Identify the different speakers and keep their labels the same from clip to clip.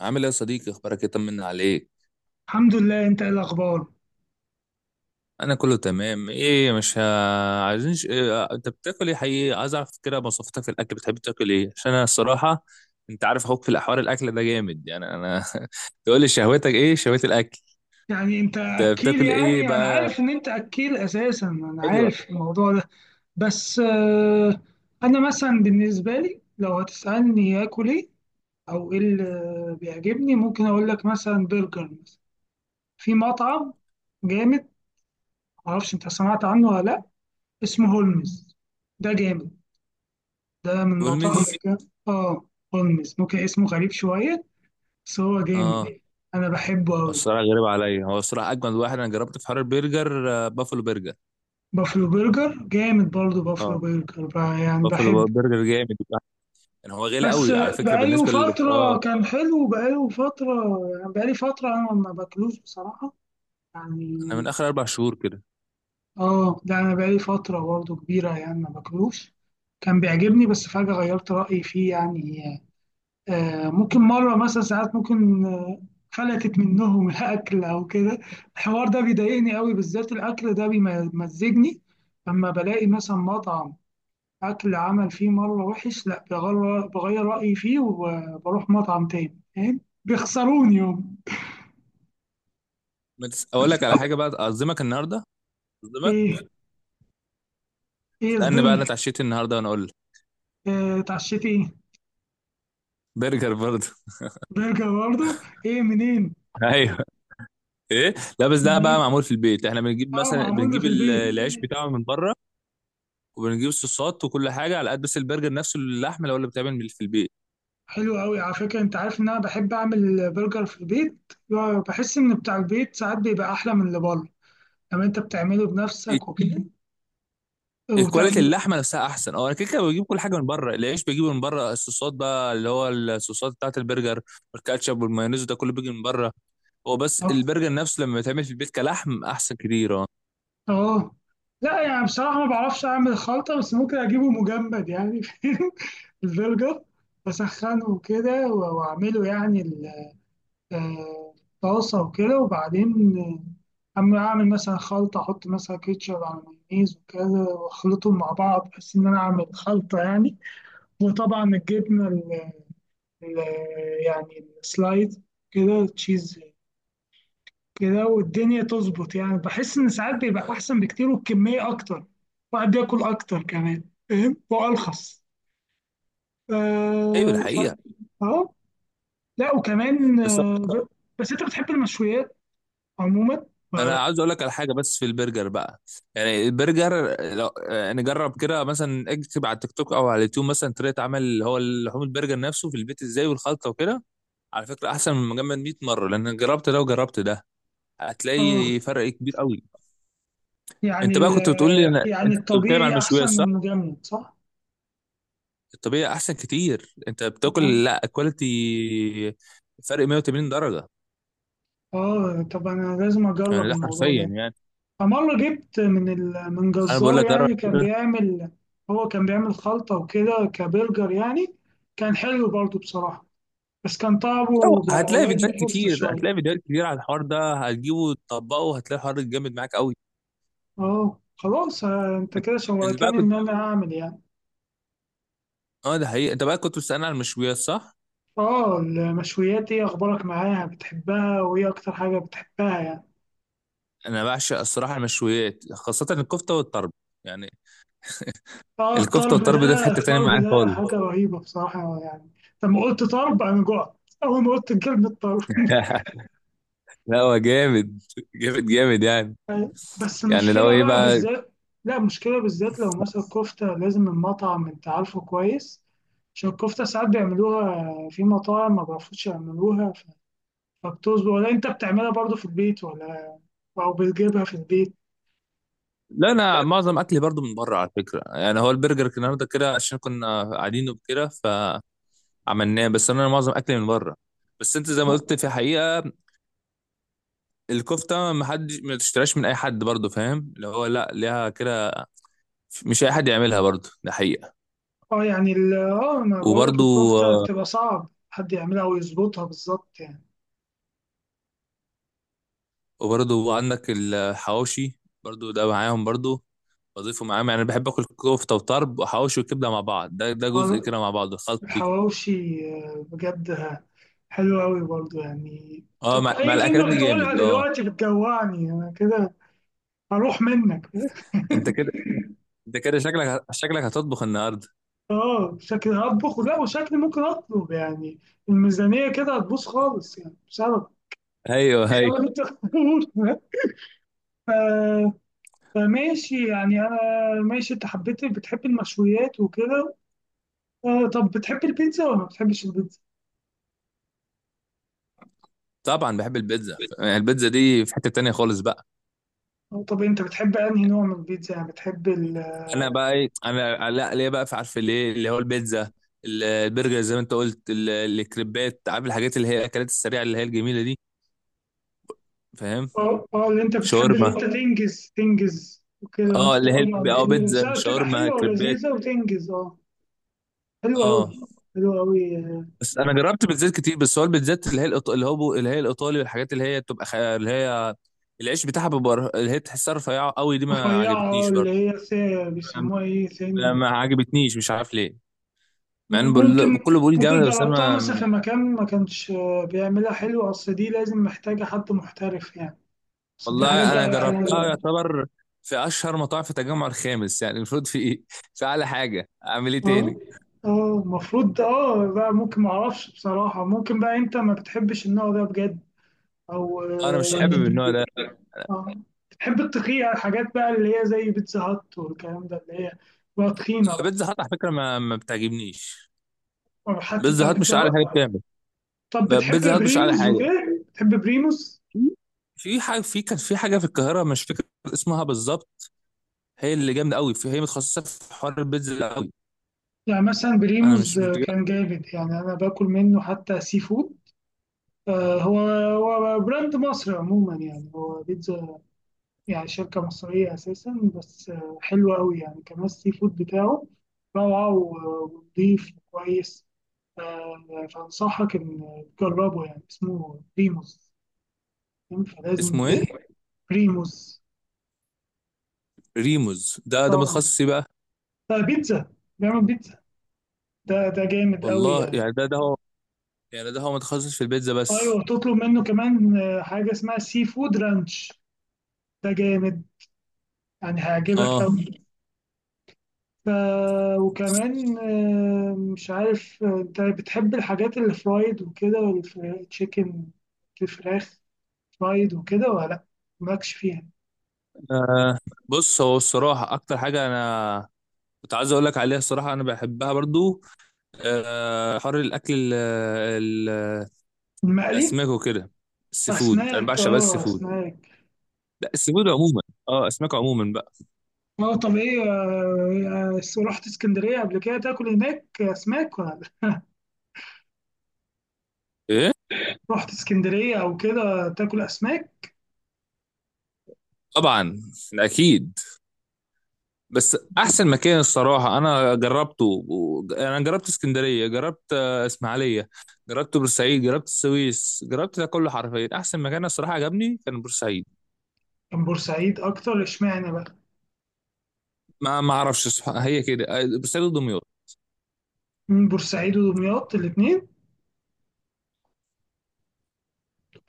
Speaker 1: عامل ايه يا صديقي؟ اخبارك ايه؟ طمنا عليك.
Speaker 2: الحمد لله، انت ايه الاخبار؟
Speaker 1: انا كله تمام. ايه مش عايزين انت بتاكل ايه حقيقي؟ عايز اعرف كده مواصفاتك في الاكل. بتحب تاكل ايه؟ عشان انا الصراحه. انت عارف اخوك في الاحوال. الاكل ده جامد، يعني انا. تقول لي شهوتك ايه؟ شهوه الاكل.
Speaker 2: يعني انت
Speaker 1: انت
Speaker 2: اكيل،
Speaker 1: بتاكل ايه
Speaker 2: يعني انا
Speaker 1: بقى؟
Speaker 2: عارف ان انت اكيل اساسا، انا
Speaker 1: ايوه.
Speaker 2: عارف الموضوع ده. بس انا مثلا بالنسبه لي لو هتسالني اكل ايه او ايه اللي بيعجبني، ممكن اقول لك مثلا برجر، مثلا في مطعم جامد. معرفش انت سمعت عنه ولا لا؟ اسمه هولمز. ده جامد، ده من المطاعم.
Speaker 1: بولمز؟
Speaker 2: اه، هولمز ممكن اسمه غريب شويه، بس هو جامد
Speaker 1: اه.
Speaker 2: يعني. انا بحبه قوي.
Speaker 1: الصراحه غريب عليا. هو الصراحه اجمد واحد انا جربته في حوار البرجر، بافلو برجر.
Speaker 2: بافلو برجر جامد برضه، بافلو برجر بقى يعني بحب.
Speaker 1: بافلو برجر جامد. يعني هو غالي
Speaker 2: بس
Speaker 1: قوي على فكره
Speaker 2: بقاله
Speaker 1: بالنسبه لل
Speaker 2: فترة كان حلو، بقاله فترة يعني، بقالي فترة أنا ما باكلوش بصراحة يعني.
Speaker 1: انا من اخر اربع شهور كده.
Speaker 2: اه، ده أنا بقالي فترة برضه كبيرة يعني ما باكلوش. كان بيعجبني بس فجأة غيرت رأيي فيه يعني. آه ممكن مرة مثلا، ساعات ممكن فلتت منهم الأكل أو كده. الحوار ده بيضايقني قوي، بالذات الأكل ده بيمزجني. لما بلاقي مثلا مطعم أكل عمل فيه مرة وحش، لأ بغير رأيي فيه وبروح مطعم تاني، فاهم؟ بيخسروني يوم.
Speaker 1: بس اقول لك على حاجه بقى. اعظمك النهارده. اعظمك.
Speaker 2: إيه؟ إيه
Speaker 1: استنى بقى. انا
Speaker 2: صدمت؟
Speaker 1: اتعشيت النهارده وانا اقول لك.
Speaker 2: إيه اتعشيت إيه؟
Speaker 1: برجر برضه.
Speaker 2: برجر برضه؟ إيه منين؟
Speaker 1: ايوه. ايه. لا، بس ده بقى
Speaker 2: منين؟
Speaker 1: معمول في البيت. احنا بنجيب
Speaker 2: أه،
Speaker 1: مثلا
Speaker 2: معمول
Speaker 1: بنجيب
Speaker 2: في البيت.
Speaker 1: العيش بتاعه من بره. وبنجيب الصوصات وكل حاجه على قد. بس البرجر نفسه، اللحمه، اللي بتعمل في البيت.
Speaker 2: حلو أوي على فكرة، أنت عارف إن أنا بحب أعمل برجر في البيت. بحس إن بتاع البيت ساعات بيبقى أحلى من اللي بره، لما أنت بتعمله بنفسك
Speaker 1: ال-
Speaker 2: وكده.
Speaker 1: كواليتي
Speaker 2: وتعمل.
Speaker 1: اللحمه نفسها احسن. اه انا كده كده بجيب كل حاجه من بره. العيش بجيبه من بره. الصوصات بقى، اللي هو الصوصات بتاعت البرجر. والكاتشب والمايونيز ده كله بيجي من بره. هو بس البرجر نفسه لما يتعمل في البيت كلحم احسن كتير اه.
Speaker 2: اه. لا يعني بصراحة ما بعرفش أعمل خلطة، بس ممكن أجيبه مجمد يعني فاهم؟ البرجر بسخنه وكده وأعمله يعني الطاسة وكده، وبعدين أما أعمل مثلا خلطة، أحط مثلا كيتشب على مايونيز وكده وأخلطهم مع بعض، بحيث إن أنا أعمل خلطة يعني. وطبعا الجبنة ال- يعني السلايد كده، تشيز كده، والدنيا تظبط يعني. بحس ان ساعات بيبقى احسن بكتير، والكميه اكتر، واحد بياكل اكتر كمان، فاهم؟ وارخص.
Speaker 1: ايوه،
Speaker 2: اه.
Speaker 1: الحقيقه.
Speaker 2: آه. لا وكمان
Speaker 1: بس
Speaker 2: آه. بس انت بتحب المشويات عموما ولا
Speaker 1: انا
Speaker 2: لا؟
Speaker 1: عاوز اقول لك على حاجه، بس في البرجر بقى. يعني البرجر، لو يعني جرب كده، مثلا اكتب على التيك توك او على اليوتيوب مثلا طريقه عمل اللي هو لحوم البرجر نفسه في البيت ازاي، والخلطه وكده. على فكره احسن من مجمد 100 مره، لان أنا جربت ده وجربت ده.
Speaker 2: اه
Speaker 1: هتلاقي فرق كبير قوي.
Speaker 2: يعني
Speaker 1: انت بقى كنت بتقول لي، انت
Speaker 2: يعني
Speaker 1: كنت بتتكلم على
Speaker 2: الطبيعي احسن
Speaker 1: المشويات،
Speaker 2: من
Speaker 1: صح؟
Speaker 2: المجمد، صح؟
Speaker 1: الطبيعي احسن كتير. انت
Speaker 2: اه،
Speaker 1: بتاكل لا كواليتي. فرق 180 درجه.
Speaker 2: طب انا لازم
Speaker 1: يعني
Speaker 2: اجرب
Speaker 1: ده حرفيا
Speaker 2: الموضوع ده.
Speaker 1: يعني.
Speaker 2: فمره جبت من من
Speaker 1: انا بقول
Speaker 2: جزار
Speaker 1: لك جرب.
Speaker 2: يعني كان بيعمل، هو كان بيعمل خلطه وكده كبرجر يعني. كان حلو برضو بصراحه، بس كان طعمه
Speaker 1: أو
Speaker 2: بيبقى
Speaker 1: هتلاقي
Speaker 2: قريب من
Speaker 1: فيديوهات
Speaker 2: الكفتة
Speaker 1: كتير،
Speaker 2: شوية.
Speaker 1: على الحوار ده. هتجيبه وتطبقه، هتلاقي الحوار ده جامد معاك قوي.
Speaker 2: اه خلاص، انت كده
Speaker 1: اللي بقى
Speaker 2: شوقتني ان
Speaker 1: كنت.
Speaker 2: انا اعمل يعني.
Speaker 1: اه، ده حقيقي. انت بقى كنت بتسألني على المشويات صح؟
Speaker 2: اه المشويات، ايه اخبارك معاها؟ بتحبها؟ وايه اكتر حاجة بتحبها يعني؟
Speaker 1: انا بعشق الصراحه المشويات، خاصه الكفته والطرب. يعني.
Speaker 2: اه
Speaker 1: الكفته
Speaker 2: الطلب
Speaker 1: والطرب ده في
Speaker 2: ده،
Speaker 1: حته تانية
Speaker 2: الطلب
Speaker 1: معايا
Speaker 2: ده حاجة
Speaker 1: خالص.
Speaker 2: رهيبة بصراحة يعني. لما قلت طلب انا جوعت، اول ما قلت كلمة طلب
Speaker 1: لا هو جامد. جامد جامد يعني.
Speaker 2: بس
Speaker 1: يعني لو
Speaker 2: المشكلة
Speaker 1: ايه
Speaker 2: بقى
Speaker 1: بقى.
Speaker 2: بالذات، لا المشكلة بالذات لو مثلا كفتة لازم المطعم انت عارفه كويس، عشان الكفتة ساعات بيعملوها في مطاعم ما بيعرفوش يعملوها. مكتوب ولا انت بتعملها برضو في البيت ولا إيه؟ او بتجيبها في البيت؟
Speaker 1: لا، انا معظم اكلي برضو من بره على فكره. يعني هو البرجر كان النهارده كده عشان كنا قاعدين وكده. فعملناه، بس انا معظم اكلي من بره. بس انت زي ما قلت في حقيقه. الكفته ما حد ما تشتراش من اي حد برضو، فاهم؟ اللي هو لا ليها كده. مش اي حد يعملها برضو، ده حقيقه.
Speaker 2: اه يعني اه انا بقول لك
Speaker 1: وبرضو.
Speaker 2: الكفته بتبقى صعب حد يعملها او يظبطها بالظبط يعني.
Speaker 1: وبرضو عندك الحواوشي. برضو ده معاهم برضو. بضيفه معاهم. يعني بحب اكل كفته وطرب وحواوشي وكبده مع بعض. ده جزء
Speaker 2: آه،
Speaker 1: كده مع بعض الخلط كده.
Speaker 2: الحواوشي، بجد حلو قوي برضو يعني.
Speaker 1: اه،
Speaker 2: طب
Speaker 1: مع
Speaker 2: اي
Speaker 1: الاكلات
Speaker 2: كلمه
Speaker 1: دي
Speaker 2: بتقولها
Speaker 1: جامد اه.
Speaker 2: دلوقتي بتجوعني انا كده، هروح منك
Speaker 1: انت كده. شكلك هتطبخ النهارده.
Speaker 2: اه، شكلي هطبخ، ولا وشكلي ممكن اطلب يعني. الميزانيه كده هتبوظ خالص يعني بسبب
Speaker 1: ايوه هي.
Speaker 2: بسبب اللي انت بتقوله فماشي يعني، انا ماشي. انت حبيت، بتحب المشويات وكده. طب بتحب البيتزا ولا ما بتحبش البيتزا؟
Speaker 1: طبعا بحب البيتزا. يعني البيتزا دي في حته تانية خالص بقى.
Speaker 2: طب انت بتحب انهي نوع من البيتزا؟ يعني بتحب ال
Speaker 1: انا بقى ايه، انا لا ليه بقى، في عارف ليه اللي هو البيتزا، البرجر زي ما انت قلت الكريبات، عارف، الحاجات اللي هي الاكلات السريعه، اللي هي الجميله دي. فاهم؟
Speaker 2: اه اه اللي انت بتحب، اللي
Speaker 1: شاورما.
Speaker 2: انت تنجز تنجز وكده، وانت
Speaker 1: اه، اللي هي
Speaker 2: تكون على طول، بس
Speaker 1: بيتزا،
Speaker 2: بتبقى
Speaker 1: شاورما،
Speaker 2: حلوه
Speaker 1: كريبات.
Speaker 2: ولذيذه وتنجز. اه، حلوه قوي.
Speaker 1: اه.
Speaker 2: حلوه قوي.
Speaker 1: بس انا جربت بيتزات كتير. بس هو البيتزات اللي هي اللي هي الايطالي، والحاجات اللي هي بتبقى اللي هي العيش بتاعها بيبقى اللي هي تحسها رفيعه قوي، دي ما
Speaker 2: رفيعه
Speaker 1: عجبتنيش
Speaker 2: اللي
Speaker 1: برضه.
Speaker 2: هي بيسموها ايه،
Speaker 1: ما
Speaker 2: سن؟
Speaker 1: ما عجبتنيش، مش عارف ليه. مع ان
Speaker 2: ممكن.
Speaker 1: كله بيقول جامده، بس
Speaker 2: جربتها
Speaker 1: انا.
Speaker 2: مثلا في مكان ما كانش بيعملها حلو، اصل دي لازم محتاجه حد محترف يعني. بس دي حاجة
Speaker 1: والله انا جربتها
Speaker 2: بقى.
Speaker 1: يعتبر في اشهر مطاعم في التجمع الخامس. يعني المفروض في ايه، في اعلى حاجه. اعمل ايه
Speaker 2: اه.
Speaker 1: تاني؟
Speaker 2: اه المفروض اه بقى، ممكن، معرفش بصراحة. ممكن بقى انت ما بتحبش النوع ده بجد، او
Speaker 1: انا
Speaker 2: اه.
Speaker 1: مش حابب النوع ده.
Speaker 2: آه. بتحب التقية، الحاجات بقى اللي هي زي بيتزا هات والكلام ده، اللي هي بقى تخينة بقى.
Speaker 1: بيتزا هات على فكره ما بتعجبنيش.
Speaker 2: أو حتى بتاع
Speaker 1: بيتزا هات
Speaker 2: بيتزا
Speaker 1: مش اعلى حاجه
Speaker 2: هات.
Speaker 1: بتعمل.
Speaker 2: طب بتحب
Speaker 1: بيتزا هات مش اعلى
Speaker 2: بريموز
Speaker 1: حاجه.
Speaker 2: وكده؟ بتحب بريموز؟
Speaker 1: في حاجه، كان في حاجه في القاهره، مش فاكر اسمها بالظبط. هي اللي جامده قوي. هي متخصصه في حوار البيتزا ده قوي.
Speaker 2: يعني مثلا
Speaker 1: انا
Speaker 2: بريموز
Speaker 1: مش متج-.
Speaker 2: كان جامد يعني، انا باكل منه حتى سي فود. هو براند مصري عموما يعني، هو بيتزا، يعني شركة مصرية أساسا. بس حلوة أوي يعني. كمان السي فود بتاعه روعة ونضيف وكويس. فأنصحك إن تجربه يعني. اسمه بريموس، فاهم؟ فلازم.
Speaker 1: اسمه ايه؟
Speaker 2: بريموس،
Speaker 1: ريموز؟ ده
Speaker 2: طبعا.
Speaker 1: متخصص إيه بقى؟
Speaker 2: بيتزا، بيعمل بيتزا. ده جامد أوي
Speaker 1: والله
Speaker 2: يعني.
Speaker 1: يعني ده هو. يعني ده هو متخصص في البيتزا
Speaker 2: أيوة،
Speaker 1: بس.
Speaker 2: وتطلب منه كمان حاجة اسمها سي فود رانش. ده جامد يعني، هيعجبك
Speaker 1: اه،
Speaker 2: أوي. ف... وكمان مش عارف، انت بتحب الحاجات اللي فرايد وكده، والتشيكن، الفراخ فرايد وكده ولا لا؟ مالكش فيها.
Speaker 1: آه بص، هو الصراحة أكتر حاجة أنا كنت عايز أقول لك عليها الصراحة أنا بحبها برضو. حر الأكل ال ال
Speaker 2: المقلي.
Speaker 1: الأسماك وكده. السي فود أنا
Speaker 2: اسماك.
Speaker 1: بعشق، بس السي
Speaker 2: اه،
Speaker 1: فود.
Speaker 2: اسماك.
Speaker 1: لا، السي فود عموما. أسماك عموما بقى.
Speaker 2: اه طب ايه، رحت اسكندرية قبل كده تاكل هناك اسماك ولا لا؟
Speaker 1: إيه.
Speaker 2: رحت اسكندرية او كده تاكل اسماك؟
Speaker 1: طبعا. ده أكيد. بس أحسن مكان الصراحة أنا جربته أنا جربت اسكندرية، جربت إسماعيلية، جربت بورسعيد، جربت السويس، جربت ده كله حرفيا. أحسن مكان الصراحة عجبني كان بورسعيد.
Speaker 2: كان بورسعيد اكتر، اشمعنى بقى؟
Speaker 1: ما أعرفش الصراحة، هي كده، بورسعيد ودمياط.
Speaker 2: بورسعيد ودمياط، الاتنين.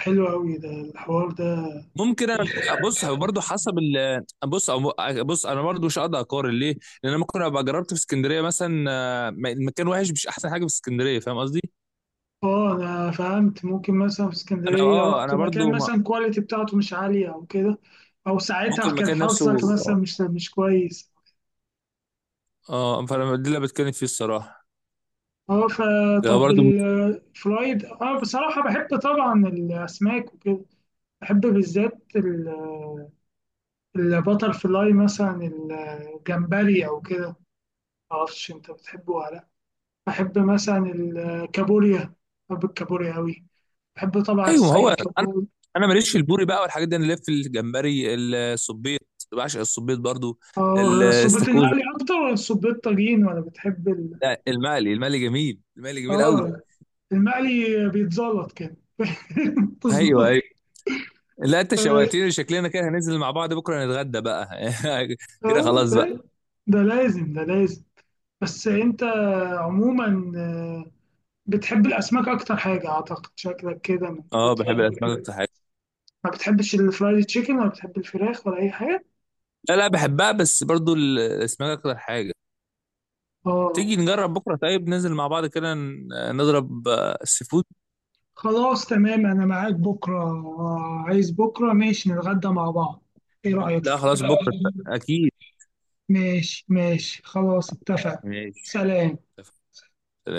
Speaker 2: حلو قوي ده، الحوار ده.
Speaker 1: ممكن انا. بص هو برضه حسب ال آه، بص أو- آه، بص انا برضه مش هقدر اقارن ليه؟ لان انا ممكن ابقى جربت في اسكندريه مثلا، المكان وحش، مش احسن حاجه في اسكندريه، فاهم قصدي؟
Speaker 2: اه انا فهمت، ممكن مثلا في
Speaker 1: انا
Speaker 2: اسكندريه رحت مكان
Speaker 1: برضه ما-.
Speaker 2: مثلا الكواليتي بتاعته مش عاليه او كده، او
Speaker 1: ممكن
Speaker 2: ساعتها كان
Speaker 1: المكان
Speaker 2: حظك
Speaker 1: نفسه
Speaker 2: مثلا
Speaker 1: اه.
Speaker 2: مش كويس.
Speaker 1: فانا دي اللي بتكلم فيه الصراحه.
Speaker 2: اه،
Speaker 1: ده
Speaker 2: فطب
Speaker 1: برضه.
Speaker 2: الفرايد. اه بصراحه بحب طبعا الاسماك وكده، بحب بالذات البتر فلاي مثلا، الجمبري او كده. معرفش انت بتحبه ولا لا. بحب مثلا الكابوريا، بحب الكابوريا قوي، بحب طبعا
Speaker 1: ايوه ما هو.
Speaker 2: السمك.
Speaker 1: انا. انا ماليش في البوري بقى والحاجات دي، انا ليا في الجمبري. الصبيط. بعشق الصبيط برضه.
Speaker 2: اه صبيت
Speaker 1: الاستاكوزا.
Speaker 2: المقلي اكتر ولا صبيت طاجين؟ ولا بتحب
Speaker 1: لا، المقلي جميل. المقلي جميل قوي.
Speaker 2: اه المقلي بيتزلط كده
Speaker 1: ايوه،
Speaker 2: تظبط.
Speaker 1: ايوه. لا، انت
Speaker 2: آه،
Speaker 1: شوقتني. شكلنا كده هننزل مع بعض بكره نتغدى بقى. كده خلاص بقى.
Speaker 2: ده ده لازم، ده لازم. بس انت عموما بتحب الاسماك اكتر حاجه، اعتقد. شكلك كده من
Speaker 1: اه،
Speaker 2: كتر
Speaker 1: بحب الاسماك اكتر حاجه.
Speaker 2: ما بتحبش الفرايد تشيكن، ولا بتحب الفراخ ولا اي حاجه؟
Speaker 1: لا لا، بحبها، بس برضو الاسماك اكتر حاجه.
Speaker 2: اه
Speaker 1: تيجي نجرب بكره طيب، ننزل مع بعض كده نضرب سي فود.
Speaker 2: خلاص، تمام. انا معاك بكره. عايز بكره ماشي نتغدى مع بعض، ايه رايك؟
Speaker 1: لا خلاص بكره. اكيد.
Speaker 2: ماشي ماشي، خلاص اتفق.
Speaker 1: ماشي.
Speaker 2: سلام.
Speaker 1: سلام.